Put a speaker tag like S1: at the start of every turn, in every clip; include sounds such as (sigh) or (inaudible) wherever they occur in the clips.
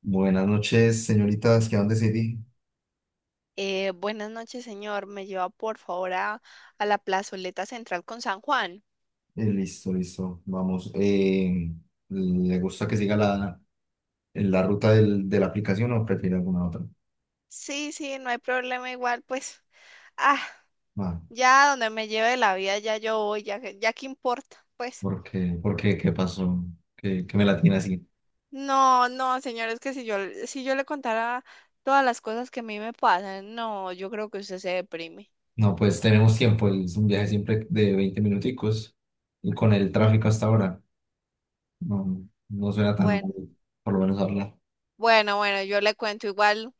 S1: Buenas noches, señoritas. ¿Qué dónde City?
S2: Buenas noches, señor. ¿Me lleva por favor a la plazoleta central con San Juan?
S1: Listo, listo. Vamos. ¿Le gusta que siga la ruta de la aplicación o prefiere alguna otra?
S2: Sí, sí, no hay problema igual, pues, ah,
S1: Ah,
S2: ya donde me lleve la vida, ya yo voy, ya, ya qué importa, pues.
S1: ¿Por qué? ¿Por qué? ¿Qué pasó? ¿Qué me la tiene así.
S2: No, no, señor, es que si yo le contara todas las cosas que a mí me pasan, no, yo creo que usted se deprime.
S1: No, pues tenemos tiempo. Es un viaje siempre de 20 minuticos. Y con el tráfico hasta ahora, no suena tan
S2: Bueno,
S1: mal, por lo menos hablar.
S2: bueno, bueno, yo le cuento igual,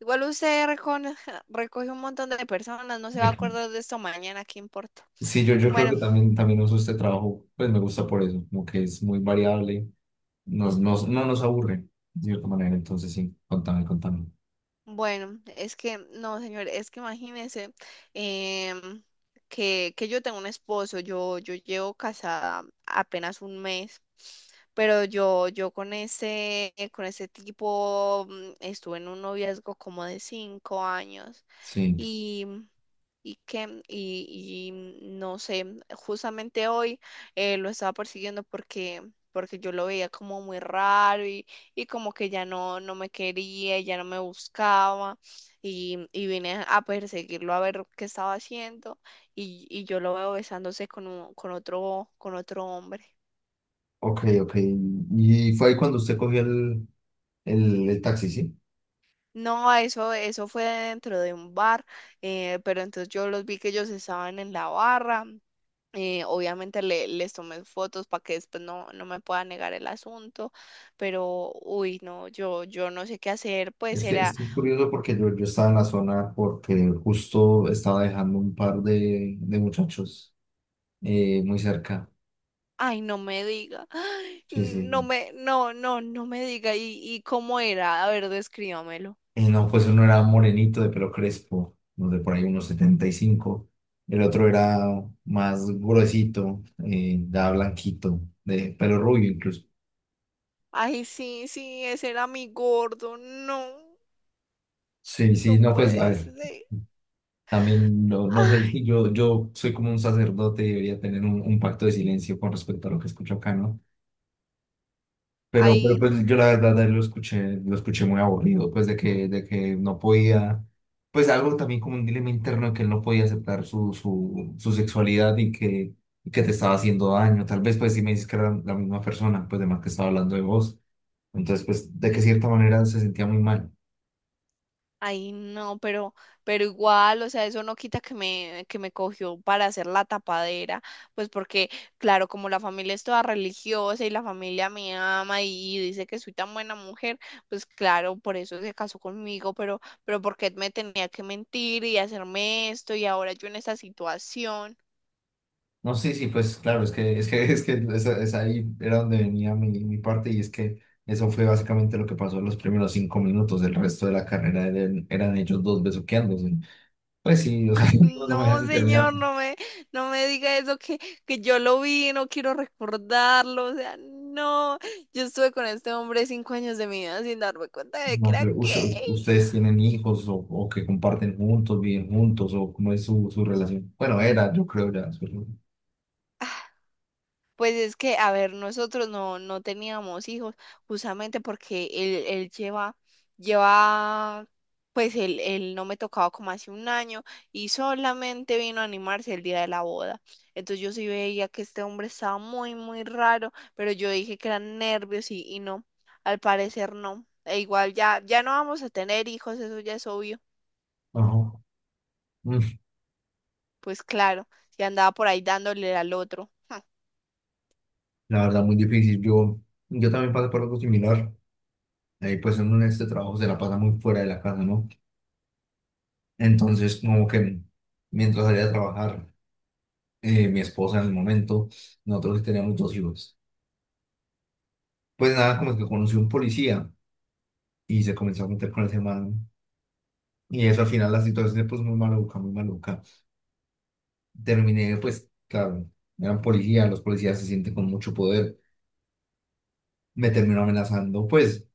S2: igual usted (laughs) recoge un montón de personas, no se va a acordar de esto mañana, qué importa.
S1: Sí, yo creo
S2: Bueno.
S1: que también, uso este trabajo, pues me gusta por eso, como que es muy variable, no nos aburre de cierta manera, entonces sí, contame, contame.
S2: Bueno, es que, no, señor, es que imagínese, em, que yo tengo un esposo, yo llevo casada apenas un mes, pero yo con ese, tipo, estuve en un noviazgo como de 5 años,
S1: Sí,
S2: y, y no sé, justamente hoy lo estaba persiguiendo porque, yo lo veía como muy raro y como que ya no me quería, ya no me buscaba, y vine a perseguirlo a ver qué estaba haciendo, y yo lo veo besándose con otro hombre.
S1: ok, ok. Y fue ahí cuando usted cogió el, taxi, ¿sí?
S2: No, eso, fue dentro de un bar. Pero entonces yo los vi, que ellos estaban en la barra. Obviamente les tomé fotos para que después no me pueda negar el asunto, pero uy, no, yo no sé qué hacer, pues
S1: Es que
S2: era...
S1: es que es curioso porque yo estaba en la zona porque justo estaba dejando un par de muchachos, muy cerca.
S2: Ay, no me diga. Ay,
S1: Sí,
S2: no
S1: sí.
S2: me, no, no, no me diga. ¿Y cómo era? A ver, descríbamelo.
S1: Y no, pues uno era morenito de pelo crespo, no sé, por ahí unos 75. El otro era más gruesito, ya blanquito, de pelo rubio incluso.
S2: Ay, sí, sí, ese era mi gordo. No,
S1: Sí, sí,
S2: no
S1: no, pues a
S2: puede
S1: ver,
S2: ser.
S1: también no sé,
S2: Ay,
S1: yo soy como un sacerdote y debería tener un, pacto de silencio con respecto a lo que escucho acá, no. Pero
S2: ay,
S1: pues yo la verdad de él lo escuché muy aburrido, pues de que no podía, pues algo también como un dilema interno de que él no podía aceptar su, sexualidad y que te estaba haciendo daño. Tal vez pues si me dices que era la misma persona, pues de más que estaba hablando de vos. Entonces pues de que cierta manera se sentía muy mal.
S2: ay. No, pero igual, o sea, eso no quita que me cogió para hacer la tapadera, pues porque, claro, como la familia es toda religiosa y la familia me ama y dice que soy tan buena mujer, pues claro, por eso se casó conmigo, pero ¿por qué me tenía que mentir y hacerme esto y ahora yo en esta situación?
S1: No, sí, sí, pues claro, (laughs) es que esa ahí era donde venía mi parte y es que eso fue básicamente lo que pasó en los primeros 5 minutos. El resto de la carrera eran ellos dos besuqueándose. Pues sí, o sea, (laughs) no, me
S2: No,
S1: dejan
S2: señor,
S1: terminar.
S2: no me diga eso, que yo lo vi, no quiero recordarlo, o sea, no, yo estuve con este hombre 5 años de mi vida sin darme cuenta de que
S1: No,
S2: era
S1: pero
S2: gay.
S1: ustedes tienen hijos o, que comparten juntos, viven juntos, o cómo es su relación. Bueno, era, yo creo ya. Su relación.
S2: Pues es que, a ver, nosotros no, teníamos hijos, justamente porque él lleva, pues él no me tocaba como hace un año y solamente vino a animarse el día de la boda. Entonces yo sí veía que este hombre estaba muy, muy raro, pero yo dije que eran nervios y no, al parecer no. E igual ya no vamos a tener hijos, eso ya es obvio.
S1: Ajá. Mm.
S2: Pues claro, si andaba por ahí dándole al otro.
S1: La verdad, muy difícil. Yo también pasé por algo similar. Ahí, pues uno en este trabajo se la pasa muy fuera de la casa, ¿no? Entonces, como que mientras salía a trabajar, mi esposa en el momento, nosotros sí teníamos 2 hijos. Pues nada, como que conocí un policía y se comenzó a meter con ese man. Y eso al final la situación se puso muy maluca, muy maluca. Terminé, pues, claro, eran policías, los policías se sienten con mucho poder. Me terminó amenazando, pues,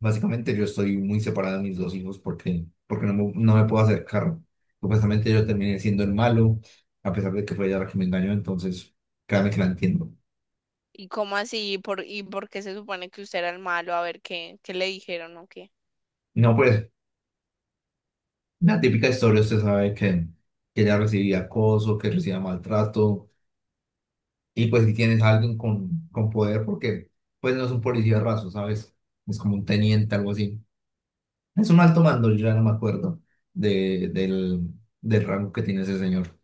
S1: básicamente yo estoy muy separado de mis 2 hijos porque, no me puedo acercar. Supuestamente yo terminé siendo el malo, a pesar de que fue ella la que me engañó, entonces, créame que la entiendo.
S2: ¿Y cómo así? ¿Y por qué se supone que usted era el malo? A ver, ¿qué le dijeron o qué?
S1: No, pues, la típica historia, usted sabe que, ella recibía acoso, que recibía maltrato. Y pues si tienes a alguien con poder, porque pues no es un policía raso, ¿sabes? Es como un teniente, algo así. Es un alto mando, yo ya no me acuerdo de, del, del rango que tiene ese señor.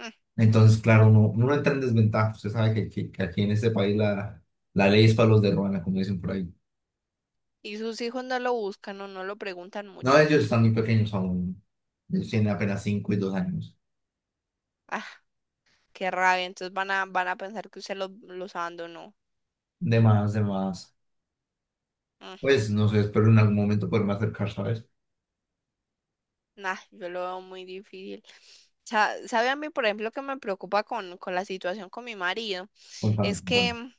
S2: Mm.
S1: Entonces, claro, uno, entra en desventaja. Usted sabe que aquí en este país la ley es para los de ruana, como dicen por ahí.
S2: Y sus hijos no lo buscan o no lo preguntan
S1: No,
S2: mucho.
S1: ellos están muy pequeños aún. Ellos tienen apenas 5 y 2 años.
S2: Ah, qué rabia. Entonces van a, pensar que usted los abandonó.
S1: De más, de más.
S2: Mm,
S1: Pues no sé, espero en algún momento poderme acercar, ¿sabes?
S2: nah, yo lo veo muy difícil. ¿Sabe a mí, por ejemplo, que me preocupa con la situación con mi marido? Es
S1: Bueno,
S2: que,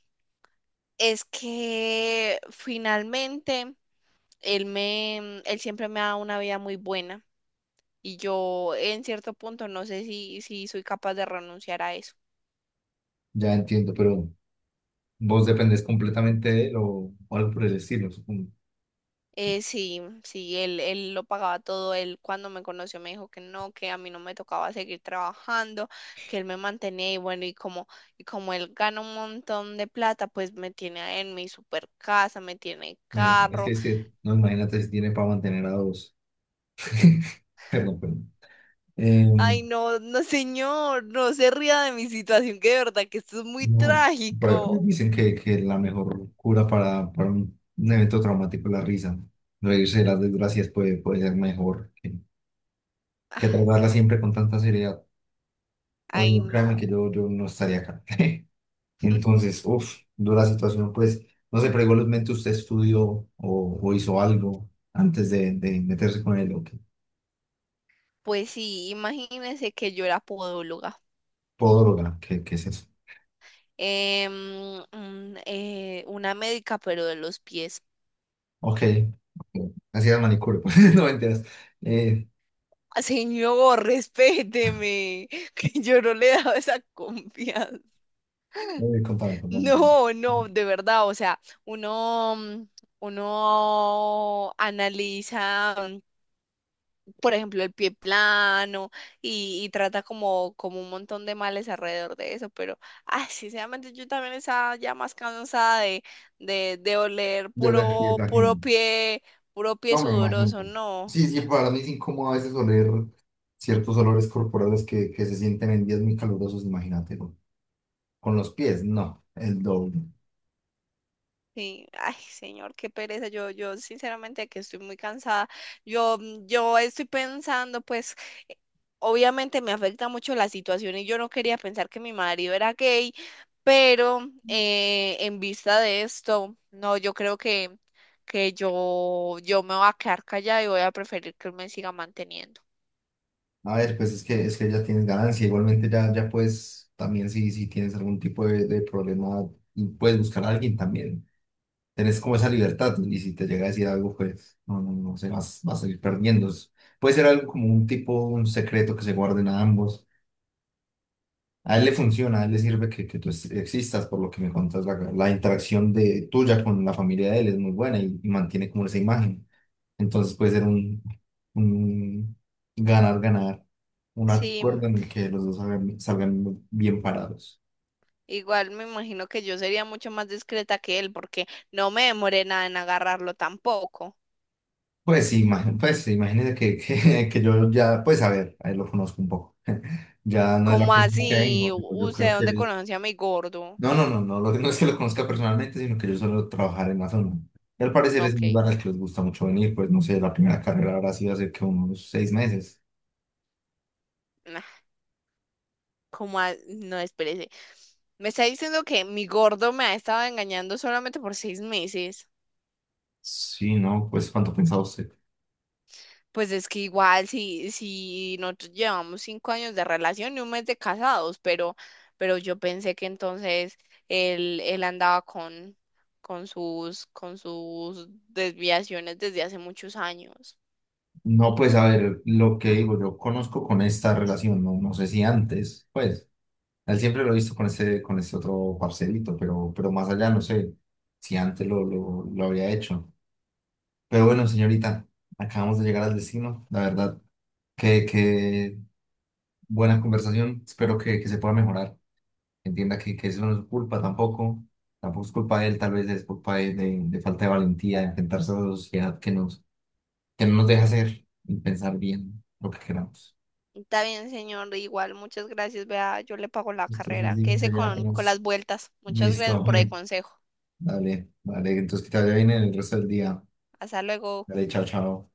S2: es que finalmente él me, él siempre me ha dado una vida muy buena, y yo en cierto punto no sé si soy capaz de renunciar a eso.
S1: ya entiendo, pero... Vos dependés completamente de él o, algo por el estilo, supongo.
S2: Sí, sí, él lo pagaba todo, él cuando me conoció me dijo que no, que a mí no me tocaba seguir trabajando, que él me mantenía y bueno, y como él gana un montón de plata, pues me tiene en mi super casa, me tiene
S1: Eh, es que,
S2: carro.
S1: es que, no, imagínate si tiene para mantener a dos. (laughs) Perdón, perdón.
S2: Ay,
S1: Em,
S2: no, no señor, no se ría de mi situación, que de verdad que esto es muy
S1: no, por ahí
S2: trágico.
S1: dicen que, la mejor cura para, un evento traumático es la risa. Reírse de las desgracias puede ser mejor que, tratarla siempre con tanta seriedad. O si
S2: Ay,
S1: no, créeme
S2: no.
S1: que yo no estaría acá. (laughs) Entonces, uff, dura situación, pues, no sé, pero igualmente usted estudió o, hizo algo antes de meterse con el ok,
S2: Pues sí, imagínense que yo era podóloga.
S1: podóloga, ¿qué es eso?
S2: Una médica, pero de los pies.
S1: Ok, ok, así era el manicure, pues, (laughs) no mentiras. Eh,
S2: Señor, respéteme, (laughs) que yo no le he dado esa confianza. (laughs)
S1: no, Contame, contame.
S2: No, no, de verdad, o sea, uno, mm, uno analiza, por ejemplo, el pie plano y trata, como un montón de males alrededor de eso, pero, ay, sinceramente yo también estaba ya más cansada de oler
S1: Yo le fui a la gente,
S2: puro pie
S1: no me
S2: sudoroso,
S1: imagino.
S2: no.
S1: Sí, sí, para mí es incómodo a veces oler ciertos olores corporales que, se sienten en días muy calurosos, imagínate, con los pies, no, el doble.
S2: Sí, ay, señor, qué pereza. Yo sinceramente que estoy muy cansada. Yo estoy pensando, pues, eh, obviamente me afecta mucho la situación y yo no quería pensar que mi marido era gay, pero en vista de esto, no, yo creo que yo me voy a quedar callada y voy a preferir que él me siga manteniendo.
S1: A ver, pues es que, ya tienes ganancia, igualmente ya, puedes, también si tienes algún tipo de problema, y puedes buscar a alguien también, tenés como esa libertad, ¿no? Y si te llega a decir algo, pues no, sé, vas a ir perdiendo. Puede ser algo como un tipo, un secreto que se guarden a ambos. A él le funciona, a él le sirve que, tú existas, por lo que me contas, la interacción de tuya con la familia de él es muy buena y, mantiene como esa imagen. Entonces puede ser un ganar, ganar, un
S2: Sí,
S1: acuerdo en el que los dos salgan, bien parados.
S2: igual me imagino que yo sería mucho más discreta que él, porque no me demoré nada en agarrarlo tampoco.
S1: Pues sí, pues sí, imagínese (laughs) que yo ya, pues a ver, a él lo conozco un poco. Ya no es la
S2: ¿Cómo
S1: primera vez que
S2: así?
S1: vengo, pero yo creo
S2: ¿Usted
S1: que
S2: dónde
S1: él...
S2: conoce a mi gordo?
S1: No, no, no, no, no es que lo conozca personalmente, sino que yo suelo trabajar en la zona. Y al parecer es
S2: Ok.
S1: un lugar al que les gusta mucho venir, pues no sé, la primera carrera habrá sido hace que unos 6 meses.
S2: Nah, no, espérese. Me está diciendo que mi gordo me ha estado engañando solamente por 6 meses.
S1: Sí, no, pues ¿cuánto pensaba usted?
S2: Pues es que igual si nosotros llevamos 5 años de relación y un mes de casados, pero yo pensé que entonces él andaba con sus desviaciones desde hace muchos años.
S1: No, pues a ver, lo que digo, yo conozco con esta relación, no, sé si antes, pues, a él siempre lo he visto con ese, otro parcelito, pero más allá no sé si antes lo había hecho. Pero bueno, señorita, acabamos de llegar al destino, la verdad. Que buena conversación, espero que, se pueda mejorar. Entienda que eso no es su culpa tampoco, tampoco es culpa de él, tal vez es culpa de falta de valentía, de enfrentarse a la sociedad que no nos deja hacer y pensar bien lo que queramos.
S2: Está bien, señor, igual, muchas gracias. Vea, yo le pago la
S1: Entonces,
S2: carrera.
S1: sí,
S2: Quédese
S1: sería
S2: con
S1: apenas
S2: las vueltas. Muchas
S1: listo, (laughs)
S2: gracias por el
S1: hombre.
S2: consejo.
S1: Dale, dale, entonces que te vaya bien en el resto del día.
S2: Hasta luego.
S1: Dale, chao, chao.